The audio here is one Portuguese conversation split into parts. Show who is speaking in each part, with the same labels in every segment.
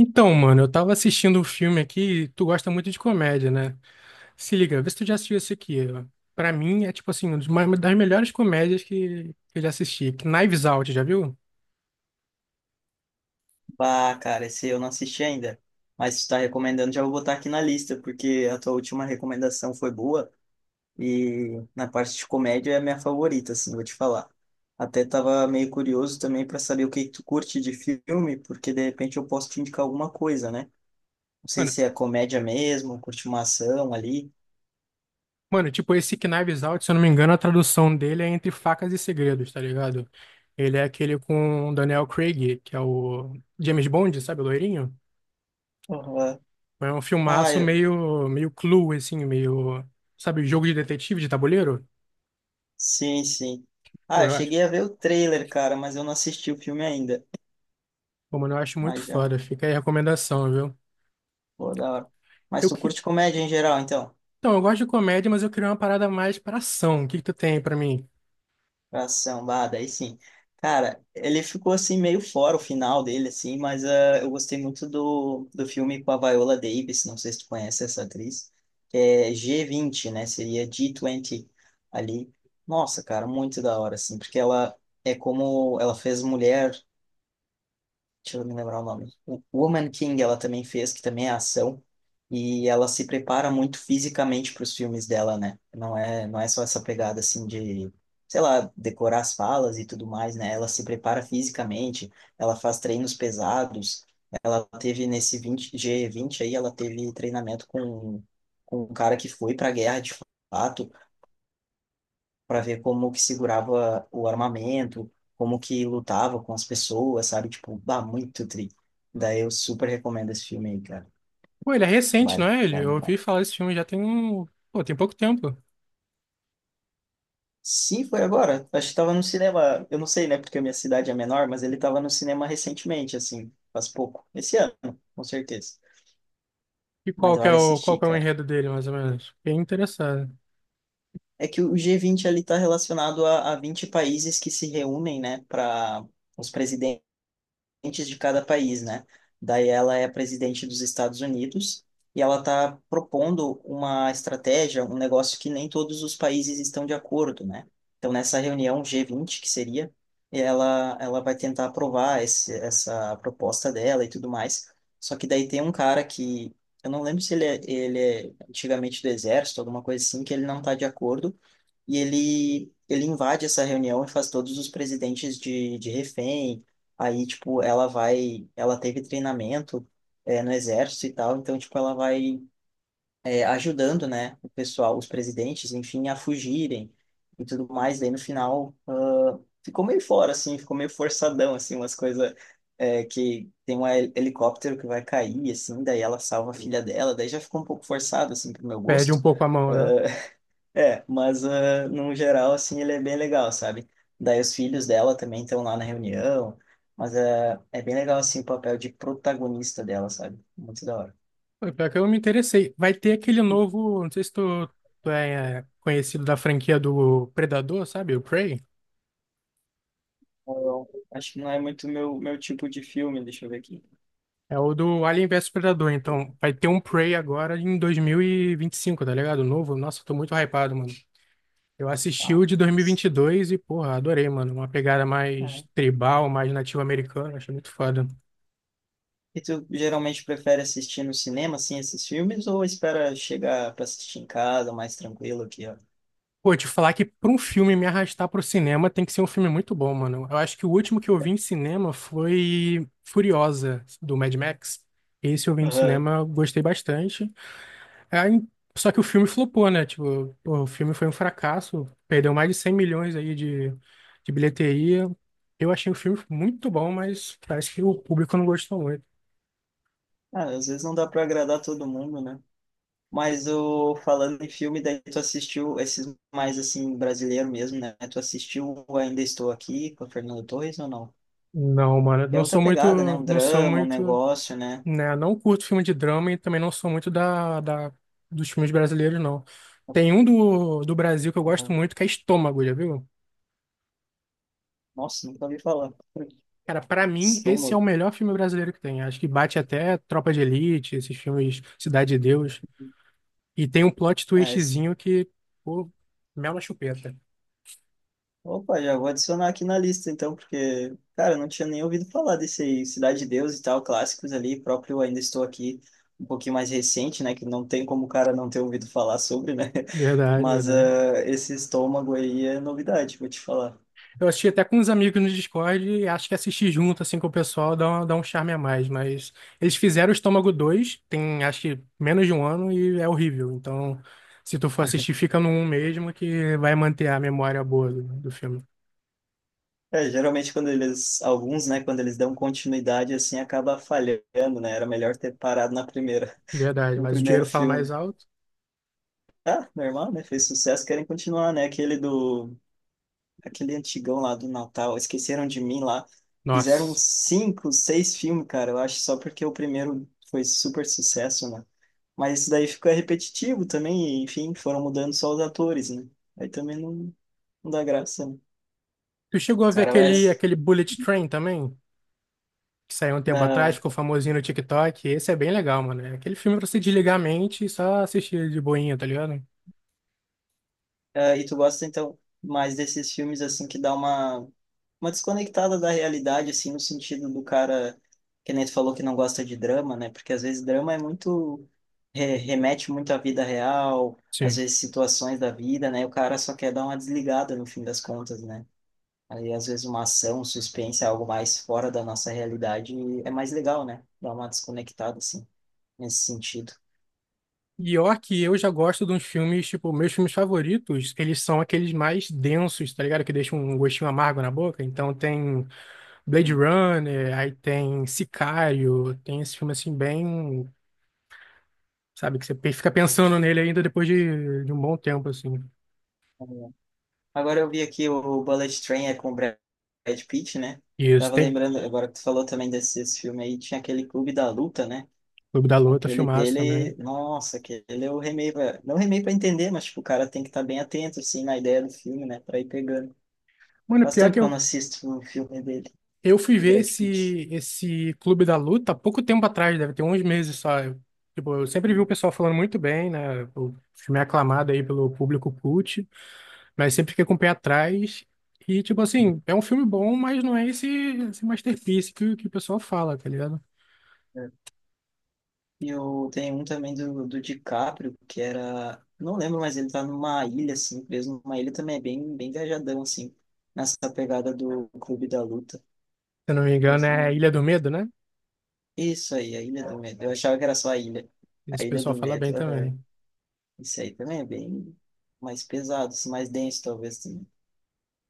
Speaker 1: Então, mano, eu tava assistindo um filme aqui, e tu gosta muito de comédia, né? Se liga, vê se tu já assistiu esse aqui. Ó. Pra mim é tipo assim, uma das melhores comédias que eu já assisti. Knives Out, já viu?
Speaker 2: Ah, cara, esse eu não assisti ainda. Mas se tá recomendando, já vou botar aqui na lista, porque a tua última recomendação foi boa e na parte de comédia é a minha favorita, assim, vou te falar. Até tava meio curioso também para saber o que tu curte de filme, porque de repente eu posso te indicar alguma coisa, né? Não sei
Speaker 1: Mano,
Speaker 2: se é comédia mesmo, curte uma ação ali.
Speaker 1: mano, tipo, esse Knives Out, se eu não me engano, a tradução dele é Entre Facas e Segredos, tá ligado? Ele é aquele com o Daniel Craig, que é o James Bond, sabe, o loirinho?
Speaker 2: Aham.
Speaker 1: É um
Speaker 2: Ah,
Speaker 1: filmaço
Speaker 2: eu...
Speaker 1: meio Clue, assim, meio, sabe, jogo de detetive, de tabuleiro?
Speaker 2: sim, sim.
Speaker 1: Pô,
Speaker 2: Ah, eu
Speaker 1: eu acho.
Speaker 2: cheguei a ver o trailer, cara, mas eu não assisti o filme ainda.
Speaker 1: Pô, mano, eu acho muito
Speaker 2: Mas já,
Speaker 1: foda. Fica aí a recomendação, viu?
Speaker 2: pô, da hora. Mas
Speaker 1: Eu
Speaker 2: tu
Speaker 1: que...
Speaker 2: curte comédia em geral, então?
Speaker 1: Então, eu gosto de comédia, mas eu queria uma parada mais pra ação. O que que tu tem pra mim?
Speaker 2: Pra samba, daí sim. Cara, ele ficou assim meio fora o final dele, assim, mas eu gostei muito do filme com a Viola Davis, não sei se tu conhece essa atriz, que é G20, né? Seria G20 ali. Nossa, cara, muito da hora, assim, porque ela é como ela fez Mulher, deixa eu me lembrar o nome. O Woman King ela também fez, que também é ação. E ela se prepara muito fisicamente para os filmes dela, né? Não é só essa pegada assim de, sei lá, decorar as falas e tudo mais, né? Ela se prepara fisicamente, ela faz treinos pesados. Ela teve nesse 20, G20 aí, ela teve treinamento com um cara que foi para a guerra de fato, para ver como que segurava o armamento, como que lutava com as pessoas, sabe? Tipo, bah, muito tri. Daí eu super recomendo esse filme aí, cara.
Speaker 1: Pô, ele é recente, não
Speaker 2: Vale,
Speaker 1: é ele? Eu
Speaker 2: vale, vale.
Speaker 1: ouvi falar desse filme já tem um... Pô, tem pouco tempo.
Speaker 2: Sim, foi agora. Acho que tava no cinema, eu não sei, né, porque a minha cidade é menor, mas ele tava no cinema recentemente, assim, faz pouco. Esse ano, com certeza.
Speaker 1: E
Speaker 2: Mas
Speaker 1: qual que é
Speaker 2: vale
Speaker 1: o, qual
Speaker 2: assistir,
Speaker 1: que é o
Speaker 2: cara.
Speaker 1: enredo dele, mais ou menos? Fiquei interessado.
Speaker 2: É que o G20 ali tá relacionado a 20 países que se reúnem, né, para os presidentes de cada país, né? Daí ela é a presidente dos Estados Unidos e ela está propondo uma estratégia, um negócio que nem todos os países estão de acordo, né? Então, nessa reunião G20, que seria, ela vai tentar aprovar essa proposta dela e tudo mais. Só que daí tem um cara que, eu não lembro se ele é antigamente do exército, alguma coisa assim, que ele não está de acordo e ele invade essa reunião e faz todos os presidentes de refém. Aí, tipo, ela teve treinamento, no exército e tal, então, tipo, ela vai, ajudando, né, o pessoal, os presidentes, enfim, a fugirem e tudo mais. Daí, no final, ficou meio fora, assim, ficou meio forçadão, assim, umas coisas... que tem um helicóptero que vai cair, assim, daí ela salva a filha dela, daí já ficou um pouco forçado, assim, pro meu
Speaker 1: Perde
Speaker 2: gosto.
Speaker 1: um pouco a mão, né?
Speaker 2: É, mas no geral, assim, ele é bem legal, sabe? Daí os filhos dela também estão lá na reunião, mas é bem legal, assim, o papel de protagonista dela, sabe? Muito da hora.
Speaker 1: Pô, pior que eu me interessei. Vai ter aquele novo... Não sei se tu, tu é, conhecido da franquia do Predador, sabe? O Prey.
Speaker 2: Eu acho que não é muito meu tipo de filme, deixa eu ver aqui.
Speaker 1: É o do Alien vs Predador. Então, vai ter um Prey agora em dois mil e vinte e cinco, tá ligado? Novo. Nossa, eu tô muito hypado, mano. Eu assisti
Speaker 2: Ah,
Speaker 1: o de
Speaker 2: nossa.
Speaker 1: 2022 e, vinte e dois e, porra, adorei, mano. Uma pegada
Speaker 2: É.
Speaker 1: mais tribal, mais nativo-americana. Achei muito foda.
Speaker 2: E tu geralmente prefere assistir no cinema, assim, esses filmes, ou espera chegar para assistir em casa, mais tranquilo aqui, ó?
Speaker 1: Pô, te falar que pra um filme me arrastar pro cinema tem que ser um filme muito bom, mano. Eu acho que o último que eu
Speaker 2: É.
Speaker 1: vi em cinema foi Furiosa, do Mad Max. Esse eu vi no
Speaker 2: Aham.
Speaker 1: cinema, eu gostei bastante. Aí, só que o filme flopou, né? Tipo, pô, o filme foi um fracasso. Perdeu mais de 100 milhões aí de bilheteria. Eu achei o filme muito bom, mas parece que o público não gostou muito.
Speaker 2: Ah, às vezes não dá para agradar todo mundo, né? Mas o falando em filme, daí tu assistiu esses mais assim brasileiro mesmo, né? Tu assistiu o Ainda Estou Aqui com a Fernanda Torres ou não?
Speaker 1: Não, mano,
Speaker 2: É
Speaker 1: não
Speaker 2: outra
Speaker 1: sou muito,
Speaker 2: pegada, né? Um
Speaker 1: não sou
Speaker 2: drama, um
Speaker 1: muito,
Speaker 2: negócio, né?
Speaker 1: né, não curto filme de drama e também não sou muito da dos filmes brasileiros, não. Tem um do Brasil que eu gosto
Speaker 2: Uhum.
Speaker 1: muito, que é Estômago, já viu?
Speaker 2: Nossa, nunca ouvi falar.
Speaker 1: Cara, pra mim, esse é o
Speaker 2: Estômago.
Speaker 1: melhor filme brasileiro que tem. Acho que bate até Tropa de Elite, esses filmes Cidade de Deus. E tem um plot
Speaker 2: É, esse.
Speaker 1: twistzinho que, pô, mel na chupeta.
Speaker 2: Opa, já vou adicionar aqui na lista, então, porque, cara, eu não tinha nem ouvido falar desse aí. Cidade de Deus e tal, clássicos ali, próprio Ainda Estou Aqui, um pouquinho mais recente, né, que não tem como o cara não ter ouvido falar sobre, né,
Speaker 1: Verdade,
Speaker 2: mas
Speaker 1: verdade.
Speaker 2: esse Estômago aí é novidade, vou te falar.
Speaker 1: Eu assisti até com uns amigos no Discord e acho que assistir junto, assim, com o pessoal dá um charme a mais. Mas eles fizeram o Estômago 2 tem acho que menos de um ano e é horrível. Então, se tu for assistir, fica no 1 mesmo que vai manter a memória boa do filme.
Speaker 2: É, geralmente quando eles, alguns, né, quando eles dão continuidade, assim, acaba falhando, né, era melhor ter parado na primeira,
Speaker 1: Verdade,
Speaker 2: no
Speaker 1: mas o
Speaker 2: primeiro
Speaker 1: dinheiro fala mais
Speaker 2: filme.
Speaker 1: alto.
Speaker 2: Ah, normal, né, fez sucesso, querem continuar, né, aquele antigão lá do Natal, Esqueceram de Mim lá. Fizeram
Speaker 1: Nossa.
Speaker 2: cinco, seis filmes, cara, eu acho, só porque o primeiro foi super sucesso, né? Mas isso daí ficou repetitivo também, e, enfim, foram mudando só os atores, né? Aí também não dá graça, né?
Speaker 1: Tu chegou a ver
Speaker 2: Cara,
Speaker 1: aquele,
Speaker 2: Mas,
Speaker 1: aquele Bullet Train também? Que saiu um
Speaker 2: mas
Speaker 1: tempo atrás,
Speaker 2: não.
Speaker 1: ficou famosinho no TikTok. Esse é bem legal, mano. É aquele filme pra você desligar a mente e só assistir de boinha, tá ligado?
Speaker 2: É, e tu gosta, então, mais desses filmes, assim, que dá uma desconectada da realidade, assim, no sentido do cara, que nem tu falou que não gosta de drama, né? Porque às vezes drama é muito, remete muito à vida real, às
Speaker 1: Sim.
Speaker 2: vezes situações da vida, né? O cara só quer dar uma desligada no fim das contas, né? Aí, às vezes, uma ação, um suspense, é algo mais fora da nossa realidade, é mais legal, né? Dá uma desconectada, assim, nesse sentido.
Speaker 1: Pior que eu já gosto de uns filmes, tipo, meus filmes favoritos, eles são aqueles mais densos, tá ligado? Que deixam um gostinho amargo na boca. Então tem Blade Runner, aí tem Sicário, tem esse filme assim bem, sabe, que você fica pensando nele ainda depois de um bom tempo, assim.
Speaker 2: Uhum. Agora eu vi aqui, o Bullet Train é com o Brad Pitt, né?
Speaker 1: Isso,
Speaker 2: Tava
Speaker 1: tem
Speaker 2: lembrando, agora que tu falou também desse esse filme aí, tinha aquele Clube da Luta, né?
Speaker 1: Clube da Luta,
Speaker 2: Aquele
Speaker 1: filmaço também.
Speaker 2: dele, nossa, aquele eu remei pra, não remei pra entender, mas tipo, o cara tem que estar bem atento, assim, na ideia do filme, né? Pra ir pegando.
Speaker 1: Mano,
Speaker 2: Faz
Speaker 1: pior
Speaker 2: tempo
Speaker 1: que
Speaker 2: que eu não assisto o filme dele,
Speaker 1: eu fui
Speaker 2: do
Speaker 1: ver
Speaker 2: Brad Pitt.
Speaker 1: esse, esse Clube da Luta há pouco tempo atrás, deve ter uns meses só. Eu- Tipo, eu sempre vi o
Speaker 2: Hum.
Speaker 1: pessoal falando muito bem, né? O filme é aclamado aí pelo público cult. Mas sempre fiquei com o pé atrás. E, tipo assim, é um filme bom, mas não é esse masterpiece que o pessoal fala, tá ligado?
Speaker 2: É. E eu tenho um também do DiCaprio, que era, não lembro, mas ele tá numa ilha, assim, preso numa ilha também, é bem viajadão, assim, nessa pegada do Clube da Luta.
Speaker 1: Se eu não me engano,
Speaker 2: Mas
Speaker 1: é
Speaker 2: não.
Speaker 1: Ilha do Medo, né?
Speaker 2: Isso aí, a Ilha do Medo. Eu achava que era só A Ilha. A
Speaker 1: Esse
Speaker 2: Ilha
Speaker 1: pessoal
Speaker 2: do
Speaker 1: fala bem
Speaker 2: Medo, aham.
Speaker 1: também.
Speaker 2: Isso aí também é bem mais pesado, assim, mais denso, talvez, assim.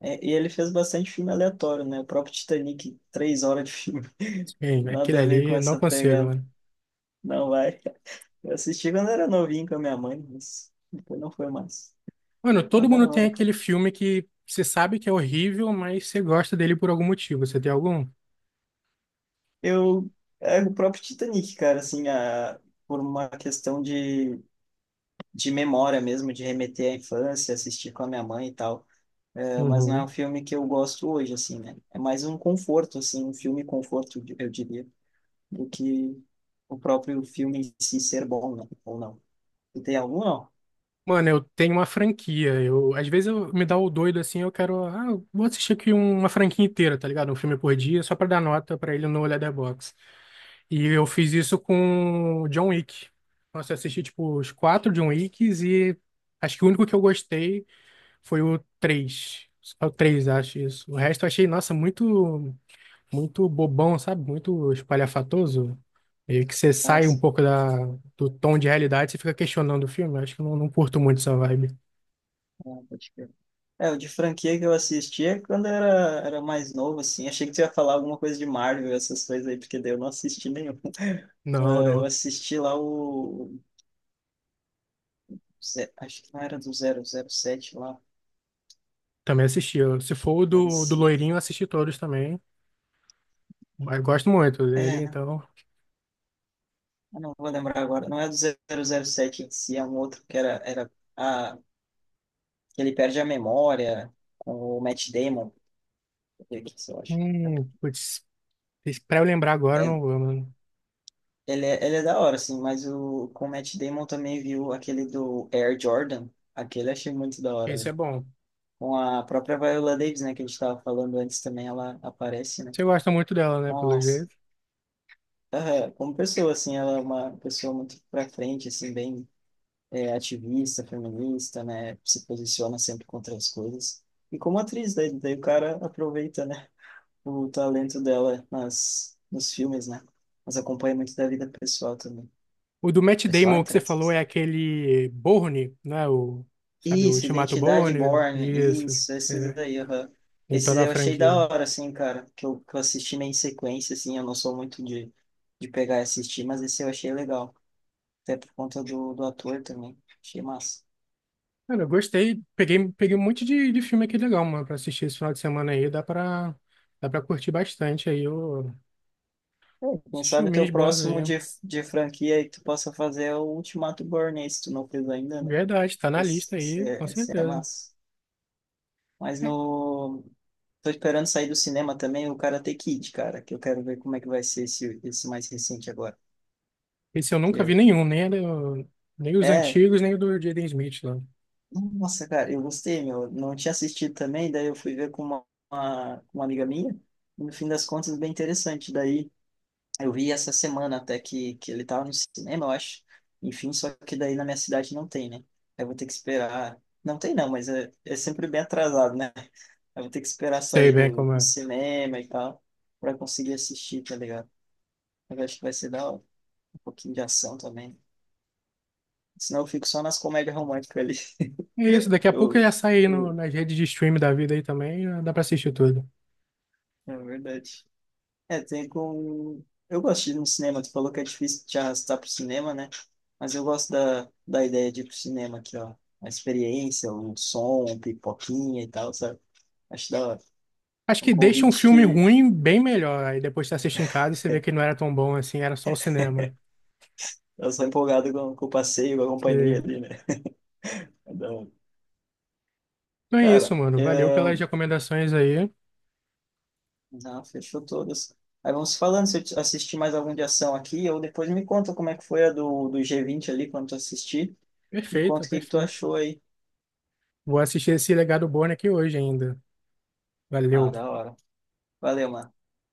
Speaker 2: É, e ele fez bastante filme aleatório, né? O próprio Titanic, 3 horas de filme.
Speaker 1: Sim, aquele
Speaker 2: Nada a ver com
Speaker 1: ali, eu não
Speaker 2: essa
Speaker 1: consigo,
Speaker 2: pegada.
Speaker 1: mano.
Speaker 2: Não vai. Eu assisti quando era novinho com a minha mãe, mas depois não foi mais.
Speaker 1: Mano,
Speaker 2: Mas
Speaker 1: todo
Speaker 2: da
Speaker 1: mundo tem
Speaker 2: hora, cara.
Speaker 1: aquele filme que você sabe que é horrível, mas você gosta dele por algum motivo. Você tem algum?
Speaker 2: Eu. É o próprio Titanic, cara, assim, por uma questão de, memória mesmo, de remeter à infância, assistir com a minha mãe e tal. É, mas não é
Speaker 1: Uhum.
Speaker 2: um filme que eu gosto hoje, assim, né? É mais um conforto, assim, um filme conforto, eu diria, do que o próprio filme em si ser bom, né? Ou não. E tem algum, não?
Speaker 1: Mano, eu tenho uma franquia. Eu, às vezes eu me dá o doido assim, eu quero, ah, eu vou assistir aqui uma franquia inteira, tá ligado? Um filme por dia, só pra dar nota pra ele no Letterboxd. E eu fiz isso com John Wick. Nossa, eu assisti tipo os quatro John Wicks e acho que o único que eu gostei foi o três. Só o três, acho isso. O resto eu achei, nossa, muito bobão, sabe? Muito espalhafatoso. Meio que você
Speaker 2: Ah,
Speaker 1: sai um
Speaker 2: sim.
Speaker 1: pouco da, do tom de realidade, você fica questionando o filme. Eu acho que eu não curto muito essa vibe.
Speaker 2: Ah, pode crer. É, o de franquia que eu assistia quando era mais novo, assim. Achei que tu ia falar alguma coisa de Marvel, essas coisas aí, porque daí eu não assisti nenhum.
Speaker 1: Não,
Speaker 2: Ah, eu
Speaker 1: não.
Speaker 2: assisti lá o... Acho que não era do 007 lá,
Speaker 1: Também assisti. Eu- Se for o do
Speaker 2: parecia.
Speaker 1: Loirinho, eu assisti todos também. Mas gosto muito dele,
Speaker 2: É, né?
Speaker 1: então.
Speaker 2: Eu não vou lembrar agora. Não é do 007 em si, é um outro que era, era a, que ele perde a memória, com o Matt Damon, que isso, eu acho.
Speaker 1: Putz, pra eu lembrar agora, eu
Speaker 2: É,
Speaker 1: não vou, mano.
Speaker 2: ele é da hora, assim, mas com o Matt Damon também, viu aquele do Air Jordan? Aquele eu achei muito da hora,
Speaker 1: Esse é
Speaker 2: velho.
Speaker 1: bom.
Speaker 2: Com a própria Viola Davis, né, que a gente tava falando antes também, ela aparece, né?
Speaker 1: Você gosta muito dela, né, pelo
Speaker 2: Nossa,
Speaker 1: jeito.
Speaker 2: aham, como pessoa, assim, ela é uma pessoa muito pra frente, assim, bem, é ativista, feminista, né? Se posiciona sempre contra as coisas. E como atriz, daí, o cara aproveita, né? O talento dela nos filmes, né? Mas acompanha muito da vida pessoal também.
Speaker 1: O do Matt
Speaker 2: Pessoal,
Speaker 1: Damon que
Speaker 2: entre
Speaker 1: você falou
Speaker 2: aspas.
Speaker 1: é aquele Bourne, né? O, sabe, o
Speaker 2: Isso,
Speaker 1: Ultimato
Speaker 2: Identidade
Speaker 1: Bourne.
Speaker 2: Born,
Speaker 1: Isso.
Speaker 2: isso, esses
Speaker 1: É,
Speaker 2: aí, aham.
Speaker 1: em
Speaker 2: Esses
Speaker 1: toda a
Speaker 2: eu achei da
Speaker 1: franquia.
Speaker 2: hora, assim, cara, que eu assisti meio em sequência, assim, eu não sou muito de, pegar e assistir, mas esse eu achei legal, até por conta do ator também, achei massa.
Speaker 1: Cara, eu gostei. Peguei um monte de filme aqui legal, mano, pra assistir esse final de semana aí. Dá pra curtir bastante aí o-
Speaker 2: É, quem
Speaker 1: esses
Speaker 2: sabe o
Speaker 1: filminhos
Speaker 2: teu
Speaker 1: bons aí.
Speaker 2: próximo de, franquia aí que tu possa fazer é o Ultimato Born, se tu não fez ainda, né?
Speaker 1: Verdade, tá na lista
Speaker 2: Esse, esse,
Speaker 1: aí, com
Speaker 2: é, esse é
Speaker 1: certeza.
Speaker 2: massa. Mas
Speaker 1: É.
Speaker 2: no... Tô esperando sair do cinema também o Karate Kid, cara, que eu quero ver como é que vai ser esse mais recente agora.
Speaker 1: Esse eu
Speaker 2: Que
Speaker 1: nunca vi
Speaker 2: eu...
Speaker 1: nenhum, nem, era nem os
Speaker 2: É,
Speaker 1: antigos, nem o do Jaden Smith lá.
Speaker 2: nossa, cara, eu gostei, meu. Eu não tinha assistido também, daí eu fui ver com uma amiga minha, e no fim das contas, bem interessante. Daí eu vi essa semana até que ele tava no cinema, eu acho. Enfim, só que daí na minha cidade não tem, né? Eu vou ter que esperar. Não tem, não, mas é, sempre bem atrasado, né? Eu vou ter que esperar
Speaker 1: Sei
Speaker 2: sair
Speaker 1: bem
Speaker 2: do,
Speaker 1: como
Speaker 2: do
Speaker 1: é.
Speaker 2: cinema e tal, pra conseguir assistir, tá ligado? Eu acho que vai ser da hora. Um pouquinho de ação também. Senão eu fico só nas comédias românticas ali.
Speaker 1: É isso, daqui a pouco
Speaker 2: Eu,
Speaker 1: já sai aí no,
Speaker 2: eu,
Speaker 1: nas redes de stream da vida aí também, já dá pra assistir tudo.
Speaker 2: é verdade. É, tem com. Eu gosto de ir no cinema, tu falou que é difícil te arrastar pro cinema, né? Mas eu gosto da, ideia de ir pro cinema aqui, ó. A experiência, o som, um pipoquinha e tal, sabe? Acho da hora.
Speaker 1: Acho
Speaker 2: É um
Speaker 1: que deixa um
Speaker 2: convite
Speaker 1: filme
Speaker 2: que
Speaker 1: ruim bem melhor, aí depois você assiste em casa e você vê que não era tão bom assim, era só o cinema.
Speaker 2: eu sou empolgado com, o passeio, com a companhia
Speaker 1: Você-
Speaker 2: ali, né? É da hora.
Speaker 1: Então é isso,
Speaker 2: Cara,
Speaker 1: mano, valeu pelas recomendações aí.
Speaker 2: não, fechou todas. Aí vamos falando se eu assistir mais algum de ação aqui, ou depois me conta como é que foi a do, G20 ali, quando tu assistir. Me
Speaker 1: Perfeito,
Speaker 2: conta o que que tu
Speaker 1: perfeito.
Speaker 2: achou aí.
Speaker 1: Vou assistir esse Legado Born aqui hoje ainda.
Speaker 2: Ah,
Speaker 1: Valeu.
Speaker 2: da hora. Valeu, mano.